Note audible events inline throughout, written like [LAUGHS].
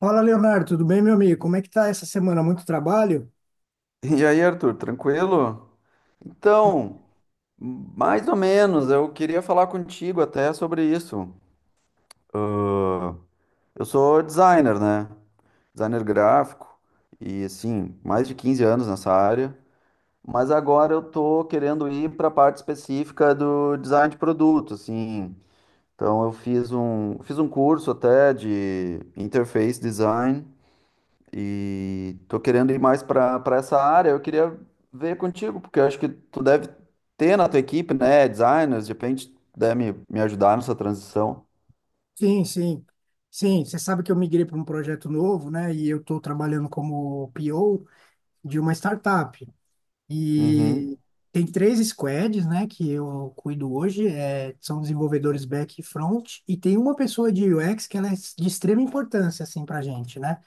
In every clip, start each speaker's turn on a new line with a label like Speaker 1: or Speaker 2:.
Speaker 1: Fala, Leonardo, tudo bem, meu amigo? Como é que tá essa semana? Muito trabalho?
Speaker 2: E aí, Arthur, tranquilo? Então, mais ou menos, eu queria falar contigo até sobre isso. Ah, eu sou designer, né? Designer gráfico e assim, mais de 15 anos nessa área, mas agora eu tô querendo ir para a parte específica do design de produto, assim. Então, fiz um curso até de interface design. E tô querendo ir mais para essa área. Eu queria ver contigo, porque eu acho que tu deve ter na tua equipe, né, designers, de repente puder me ajudar nessa transição.
Speaker 1: Sim, sim. Sim, você sabe que eu migrei para um projeto novo, né? E eu estou trabalhando como PO de uma startup.
Speaker 2: Uhum,
Speaker 1: E tem três squads, né, que eu cuido hoje, são desenvolvedores back e front, e tem uma pessoa de UX que ela é de extrema importância, assim, para gente, né?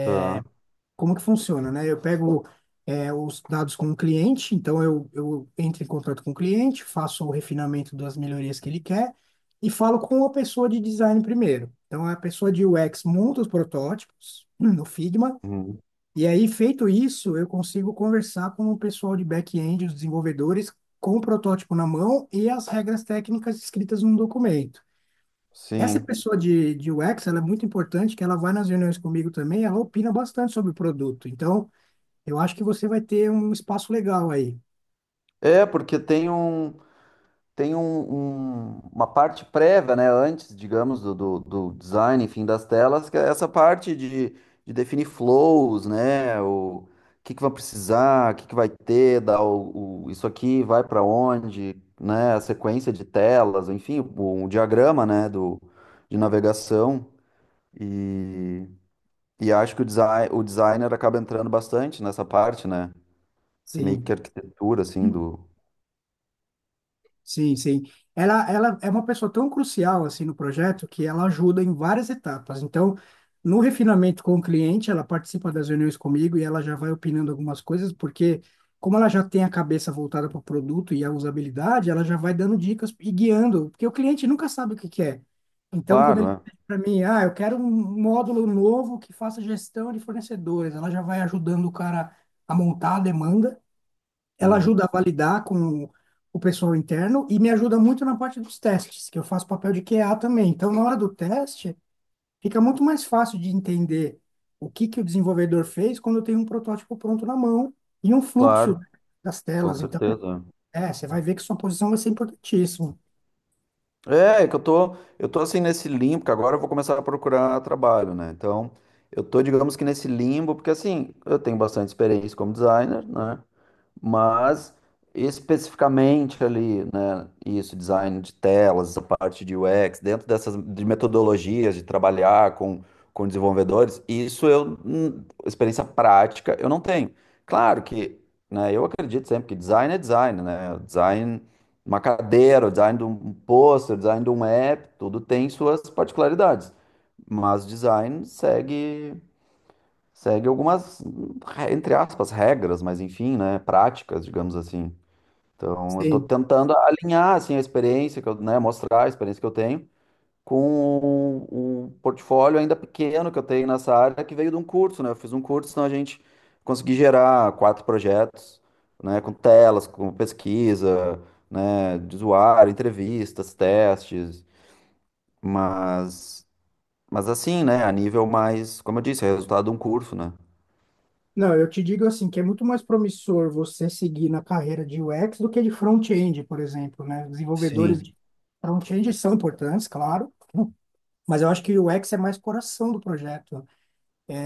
Speaker 2: tá.
Speaker 1: Como que funciona, né? Eu pego os dados com o cliente, então eu entro em contato com o cliente, faço o refinamento das melhorias que ele quer e falo com a pessoa de design primeiro. Então, a pessoa de UX monta os protótipos [CLEARS THROAT] no Figma,
Speaker 2: Uhum,
Speaker 1: e aí, feito isso, eu consigo conversar com o pessoal de back-end, os desenvolvedores, com o protótipo na mão e as regras técnicas escritas num documento. Essa
Speaker 2: sim.
Speaker 1: pessoa de UX, ela é muito importante, que ela vai nas reuniões comigo também, ela opina bastante sobre o produto. Então, eu acho que você vai ter um espaço legal aí.
Speaker 2: É, porque uma parte prévia, né, antes, digamos, do design, enfim, das telas, que é essa parte de definir flows, né, o que vai precisar, o que vai ter, dar isso aqui vai para onde, né, a sequência de telas, enfim, o diagrama, né, do, de navegação e, e acho que design, o designer acaba entrando bastante nessa parte, né, essa meio
Speaker 1: Sim.
Speaker 2: que arquitetura, assim, do...
Speaker 1: Sim, sim. Ela é uma pessoa tão crucial assim no projeto que ela ajuda em várias etapas. Então, no refinamento com o cliente, ela participa das reuniões comigo e ela já vai opinando algumas coisas, porque como ela já tem a cabeça voltada para o produto e a usabilidade, ela já vai dando dicas e guiando, porque o cliente nunca sabe o que quer. Então, quando
Speaker 2: Claro,
Speaker 1: ele
Speaker 2: é.
Speaker 1: pede para mim, ah, eu quero um módulo novo que faça gestão de fornecedores, ela já vai ajudando o cara a montar a demanda, ela
Speaker 2: Uhum.
Speaker 1: ajuda a validar com o pessoal interno e me ajuda muito na parte dos testes, que eu faço papel de QA também. Então, na hora do teste, fica muito mais fácil de entender o que que o desenvolvedor fez quando eu tenho um protótipo pronto na mão e um fluxo
Speaker 2: Claro,
Speaker 1: das
Speaker 2: com
Speaker 1: telas. Então,
Speaker 2: certeza.
Speaker 1: você vai ver que sua posição vai ser importantíssima.
Speaker 2: É, é que eu tô assim nesse limbo, porque agora eu vou começar a procurar trabalho, né? Então, eu tô, digamos que nesse limbo, porque assim, eu tenho bastante experiência como designer, né? Mas especificamente ali, né, isso, design de telas, a parte de UX, dentro dessas de metodologias de trabalhar com desenvolvedores, isso eu experiência prática, eu não tenho. Claro que, né, eu acredito sempre que design é design, né? Design de uma cadeira, o design de um pôster, o design de um app, tudo tem suas particularidades. Mas design segue. Segue algumas, re- entre aspas, regras, mas enfim, né? Práticas, digamos assim. Então, eu tô
Speaker 1: Sim.
Speaker 2: tentando alinhar, assim, a experiência que eu, né, mostrar a experiência que eu tenho com o portfólio ainda pequeno que eu tenho nessa área, que veio de um curso, né? Eu fiz um curso, então a gente consegui gerar quatro projetos, né? Com telas, com pesquisa, né? De usuário, entrevistas, testes, mas, mas assim, né? A nível mais, como eu disse, é resultado de um curso, né?
Speaker 1: Não, eu te digo assim, que é muito mais promissor você seguir na carreira de UX do que de front-end, por exemplo, né? Desenvolvedores
Speaker 2: Sim.
Speaker 1: de front-end são importantes, claro, mas eu acho que o UX é mais coração do projeto.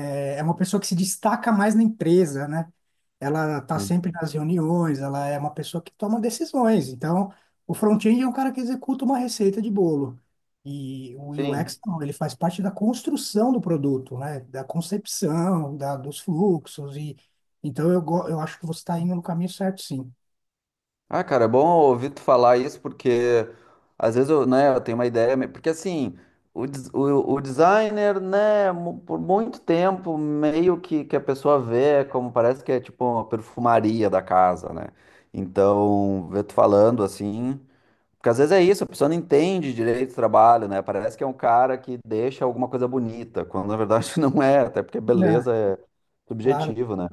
Speaker 1: É uma pessoa que se destaca mais na empresa, né? Ela está sempre nas reuniões, ela é uma pessoa que toma decisões. Então, o front-end é um cara que executa uma receita de bolo. E o
Speaker 2: Sim.
Speaker 1: UX, não, ele faz parte da construção do produto, né? Da concepção, da, dos fluxos. E então, eu acho que você está indo no caminho certo, sim.
Speaker 2: Ah, cara, é bom ouvir tu falar isso, porque às vezes eu tenho uma ideia, me- porque assim, o designer, né, mu- por muito tempo, que a pessoa vê como parece que é tipo uma perfumaria da casa, né? Então, ver tu falando assim. Porque às vezes é isso, a pessoa não entende direito do trabalho, né? Parece que é um cara que deixa alguma coisa bonita, quando na verdade [LAUGHS] não é, até porque
Speaker 1: É.
Speaker 2: beleza é
Speaker 1: Claro,
Speaker 2: subjetivo, né?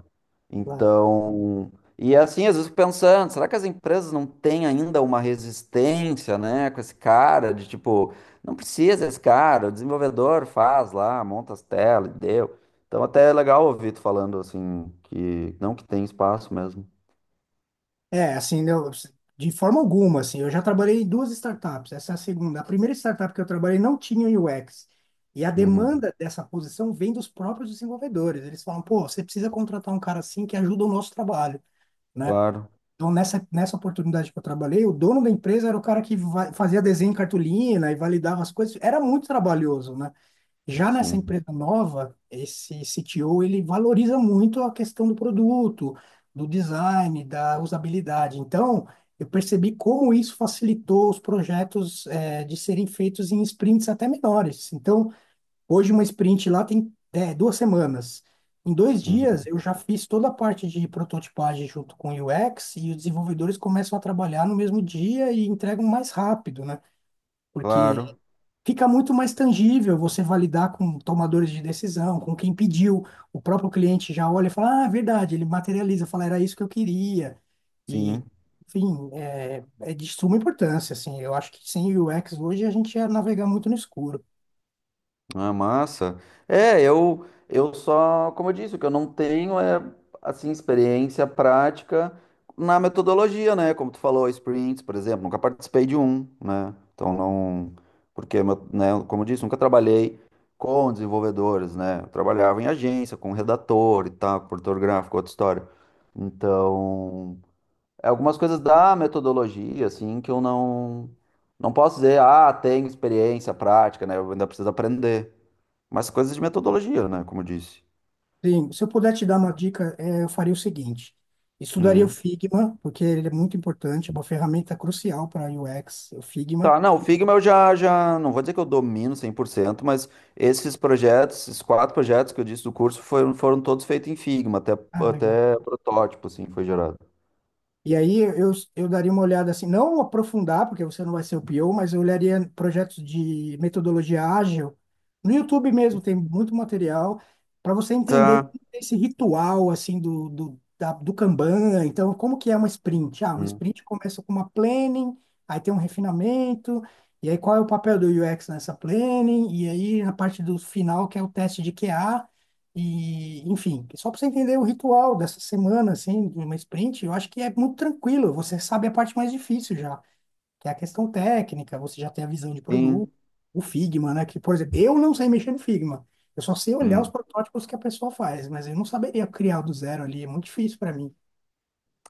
Speaker 1: claro.
Speaker 2: Então, e é assim, às vezes eu fico pensando, será que as empresas não têm ainda uma resistência, né, com esse cara de tipo, não precisa esse cara, o desenvolvedor faz lá, monta as telas, e deu. Então, até é legal ouvir tu falando assim que não, que tem espaço mesmo.
Speaker 1: É, assim, né, de forma alguma, assim, eu já trabalhei em duas startups, essa é a segunda. A primeira startup que eu trabalhei não tinha UX. E a
Speaker 2: Uhum.
Speaker 1: demanda dessa posição vem dos próprios desenvolvedores. Eles falam, pô, você precisa contratar um cara assim que ajuda o nosso trabalho, né?
Speaker 2: Claro,
Speaker 1: Então, nessa oportunidade que eu trabalhei, o dono da empresa era o cara que fazia desenho em cartolina e validava as coisas. Era muito trabalhoso, né? Já nessa
Speaker 2: sim.
Speaker 1: empresa nova, esse CTO, ele valoriza muito a questão do produto, do design, da usabilidade. Então, eu percebi como isso facilitou os projetos de serem feitos em sprints até menores. Então, hoje uma sprint lá tem duas semanas. Em dois dias,
Speaker 2: Uhum.
Speaker 1: eu já fiz toda a parte de prototipagem junto com o UX e os desenvolvedores começam a trabalhar no mesmo dia e entregam mais rápido, né? Porque
Speaker 2: Claro.
Speaker 1: fica muito mais tangível você validar com tomadores de decisão, com quem pediu, o próprio cliente já olha e fala, ah, é verdade, ele materializa, fala, era isso que eu queria. E
Speaker 2: Sim,
Speaker 1: enfim, é de suma importância, assim, eu acho que sem UX hoje a gente ia navegar muito no escuro.
Speaker 2: ah, massa. É, eu só, como eu disse, o que eu não tenho é assim experiência prática na metodologia, né? Como tu falou, sprints, por exemplo, nunca participei de um, né? Então não, porque meu- né, como eu disse, nunca trabalhei com desenvolvedores, né? Eu trabalhava em agência, com redator e tal, com produtor gráfico, outra história. Então, é algumas coisas da metodologia, assim, que eu não não posso dizer, ah, tenho experiência prática, né? Eu ainda preciso aprender. Mas coisas de metodologia, né? Como eu disse.
Speaker 1: Sim, se eu puder te dar uma dica, eu faria o seguinte, estudaria o
Speaker 2: Hum.
Speaker 1: Figma, porque ele é muito importante, é uma ferramenta crucial para UX, o Figma.
Speaker 2: Tá, não, o Figma eu já, não vou dizer que eu domino cem por cento, mas esses projetos, esses quatro projetos que eu disse do curso foram todos feitos em Figma,
Speaker 1: Ah, legal.
Speaker 2: até protótipo, assim, foi gerado.
Speaker 1: E aí eu daria uma olhada assim, não aprofundar, porque você não vai ser o PO, mas eu olharia projetos de metodologia ágil. No YouTube mesmo tem muito material para você entender
Speaker 2: Tá.
Speaker 1: como é esse ritual assim do Kanban. Então, como que é uma sprint? Ah, uma
Speaker 2: Hum.
Speaker 1: sprint começa com uma planning, aí tem um refinamento, e aí qual é o papel do UX nessa planning, e aí na parte do final, que é o teste de QA. E enfim, só para você entender o ritual dessa semana, assim, de uma sprint, eu acho que é muito tranquilo. Você sabe a parte mais difícil já, que é a questão técnica, você já tem a visão de produto,
Speaker 2: Sim.
Speaker 1: o Figma, né? Que, por exemplo, eu não sei mexer no Figma. Eu só sei olhar os
Speaker 2: Hum.
Speaker 1: protótipos que a pessoa faz, mas eu não saberia criar do zero ali, é muito difícil para mim.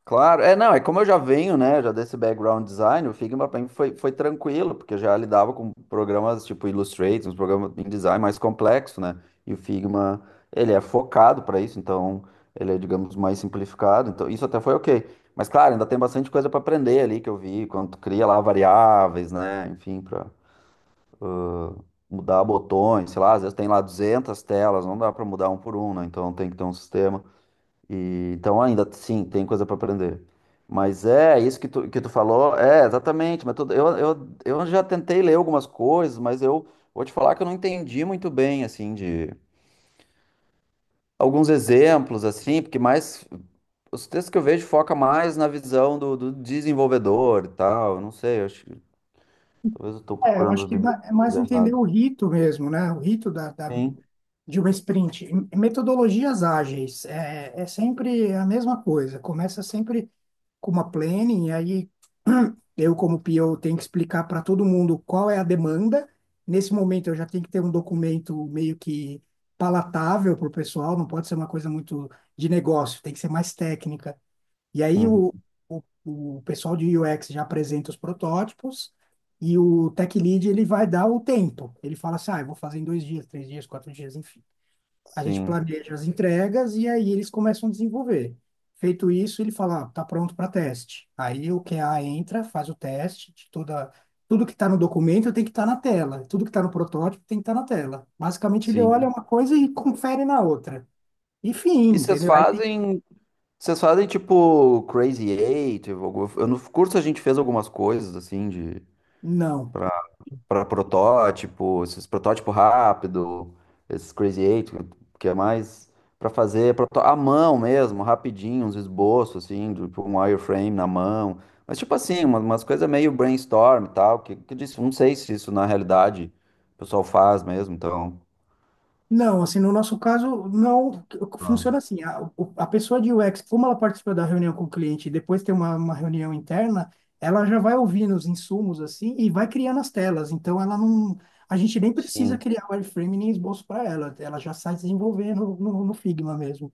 Speaker 2: Claro, é, não, é como eu já venho, né, já desse background design, o Figma para mim foi tranquilo, porque eu já lidava com programas tipo Illustrator, uns programas em design mais complexo, né, e o Figma, ele é focado para isso, então ele é, digamos, mais simplificado, então isso até foi ok, mas claro, ainda tem bastante coisa para aprender ali que eu vi, quando tu cria lá variáveis, né, enfim, para mudar botões, sei lá, às vezes tem lá 200 telas, não dá para mudar um por um, né, então tem que ter um sistema. E, então ainda sim, tem coisa para aprender. Mas é isso que tu falou, é exatamente, mas tudo- eu já tentei ler algumas coisas, mas eu vou te falar que eu não entendi muito bem assim de alguns exemplos assim, porque mais os textos que eu vejo foca mais na visão do desenvolvedor e tal, eu não sei, eu acho que talvez eu estou
Speaker 1: É, eu
Speaker 2: procurando
Speaker 1: acho
Speaker 2: as
Speaker 1: que é é
Speaker 2: bibliotecas
Speaker 1: mais entender
Speaker 2: erradas.
Speaker 1: o rito mesmo, né? O rito da
Speaker 2: Sim.
Speaker 1: de um sprint. Metodologias ágeis é sempre a mesma coisa. Começa sempre com uma planning, e aí [CLEARS THROAT] eu, como PO, tenho que explicar para todo mundo qual é a demanda. Nesse momento, eu já tenho que ter um documento meio que palatável para o pessoal, não pode ser uma coisa muito de negócio, tem que ser mais técnica. E aí,
Speaker 2: Uhum.
Speaker 1: o, o pessoal de UX já apresenta os protótipos. E o tech lead, ele vai dar o tempo. Ele fala assim, ah, eu vou fazer em dois dias, três dias, quatro dias, enfim. A gente
Speaker 2: Sim.
Speaker 1: planeja as entregas e aí eles começam a desenvolver. Feito isso, ele fala, ah, tá pronto para teste. Aí o QA entra, faz o teste de toda, tudo que está no documento tem que estar na tela, tudo que está no protótipo tem que estar na tela. Basicamente, ele olha
Speaker 2: Sim.
Speaker 1: uma coisa e [LAUGHS] confere na outra. E fim,
Speaker 2: E vocês
Speaker 1: entendeu? Aí tem,
Speaker 2: fazem Vocês fazem tipo Crazy Eight? Algum- Eu no curso a gente fez algumas coisas assim de
Speaker 1: não.
Speaker 2: pra, pra protótipo, esses protótipo rápido, esses Crazy Eight, que é mais pra fazer proto- à mão mesmo, rapidinho, uns esboços assim, de- tipo um wireframe na mão. Mas tipo assim, uma- umas coisas meio brainstorm e tal, que eu disse, não sei se isso na realidade o pessoal faz mesmo, então.
Speaker 1: Não, assim, no nosso caso, não
Speaker 2: Ah.
Speaker 1: funciona assim. A pessoa de UX, como ela participa da reunião com o cliente e depois tem uma reunião interna, ela já vai ouvindo os insumos, assim, e vai criando as telas. Então, ela não. A gente nem precisa
Speaker 2: Sim,
Speaker 1: criar wireframe nem esboço para ela. Ela já sai desenvolvendo no Figma mesmo.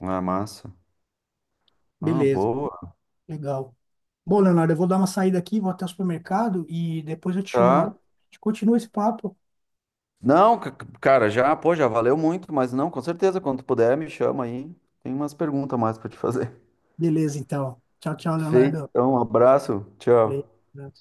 Speaker 2: é massa. Ah,
Speaker 1: Beleza,
Speaker 2: boa.
Speaker 1: legal. Bom, Leonardo, eu vou dar uma saída aqui, vou até o supermercado e depois eu te chamo no. A
Speaker 2: Tá.
Speaker 1: gente continua esse papo.
Speaker 2: Não, ca- cara, já, pô, já valeu muito, mas não, com certeza, quando tu puder, me chama aí. Tem umas perguntas mais pra te fazer.
Speaker 1: Beleza, então. Tchau, tchau,
Speaker 2: [LAUGHS] Feito,
Speaker 1: Leonardo.
Speaker 2: então, um abraço, tchau.
Speaker 1: Valeu.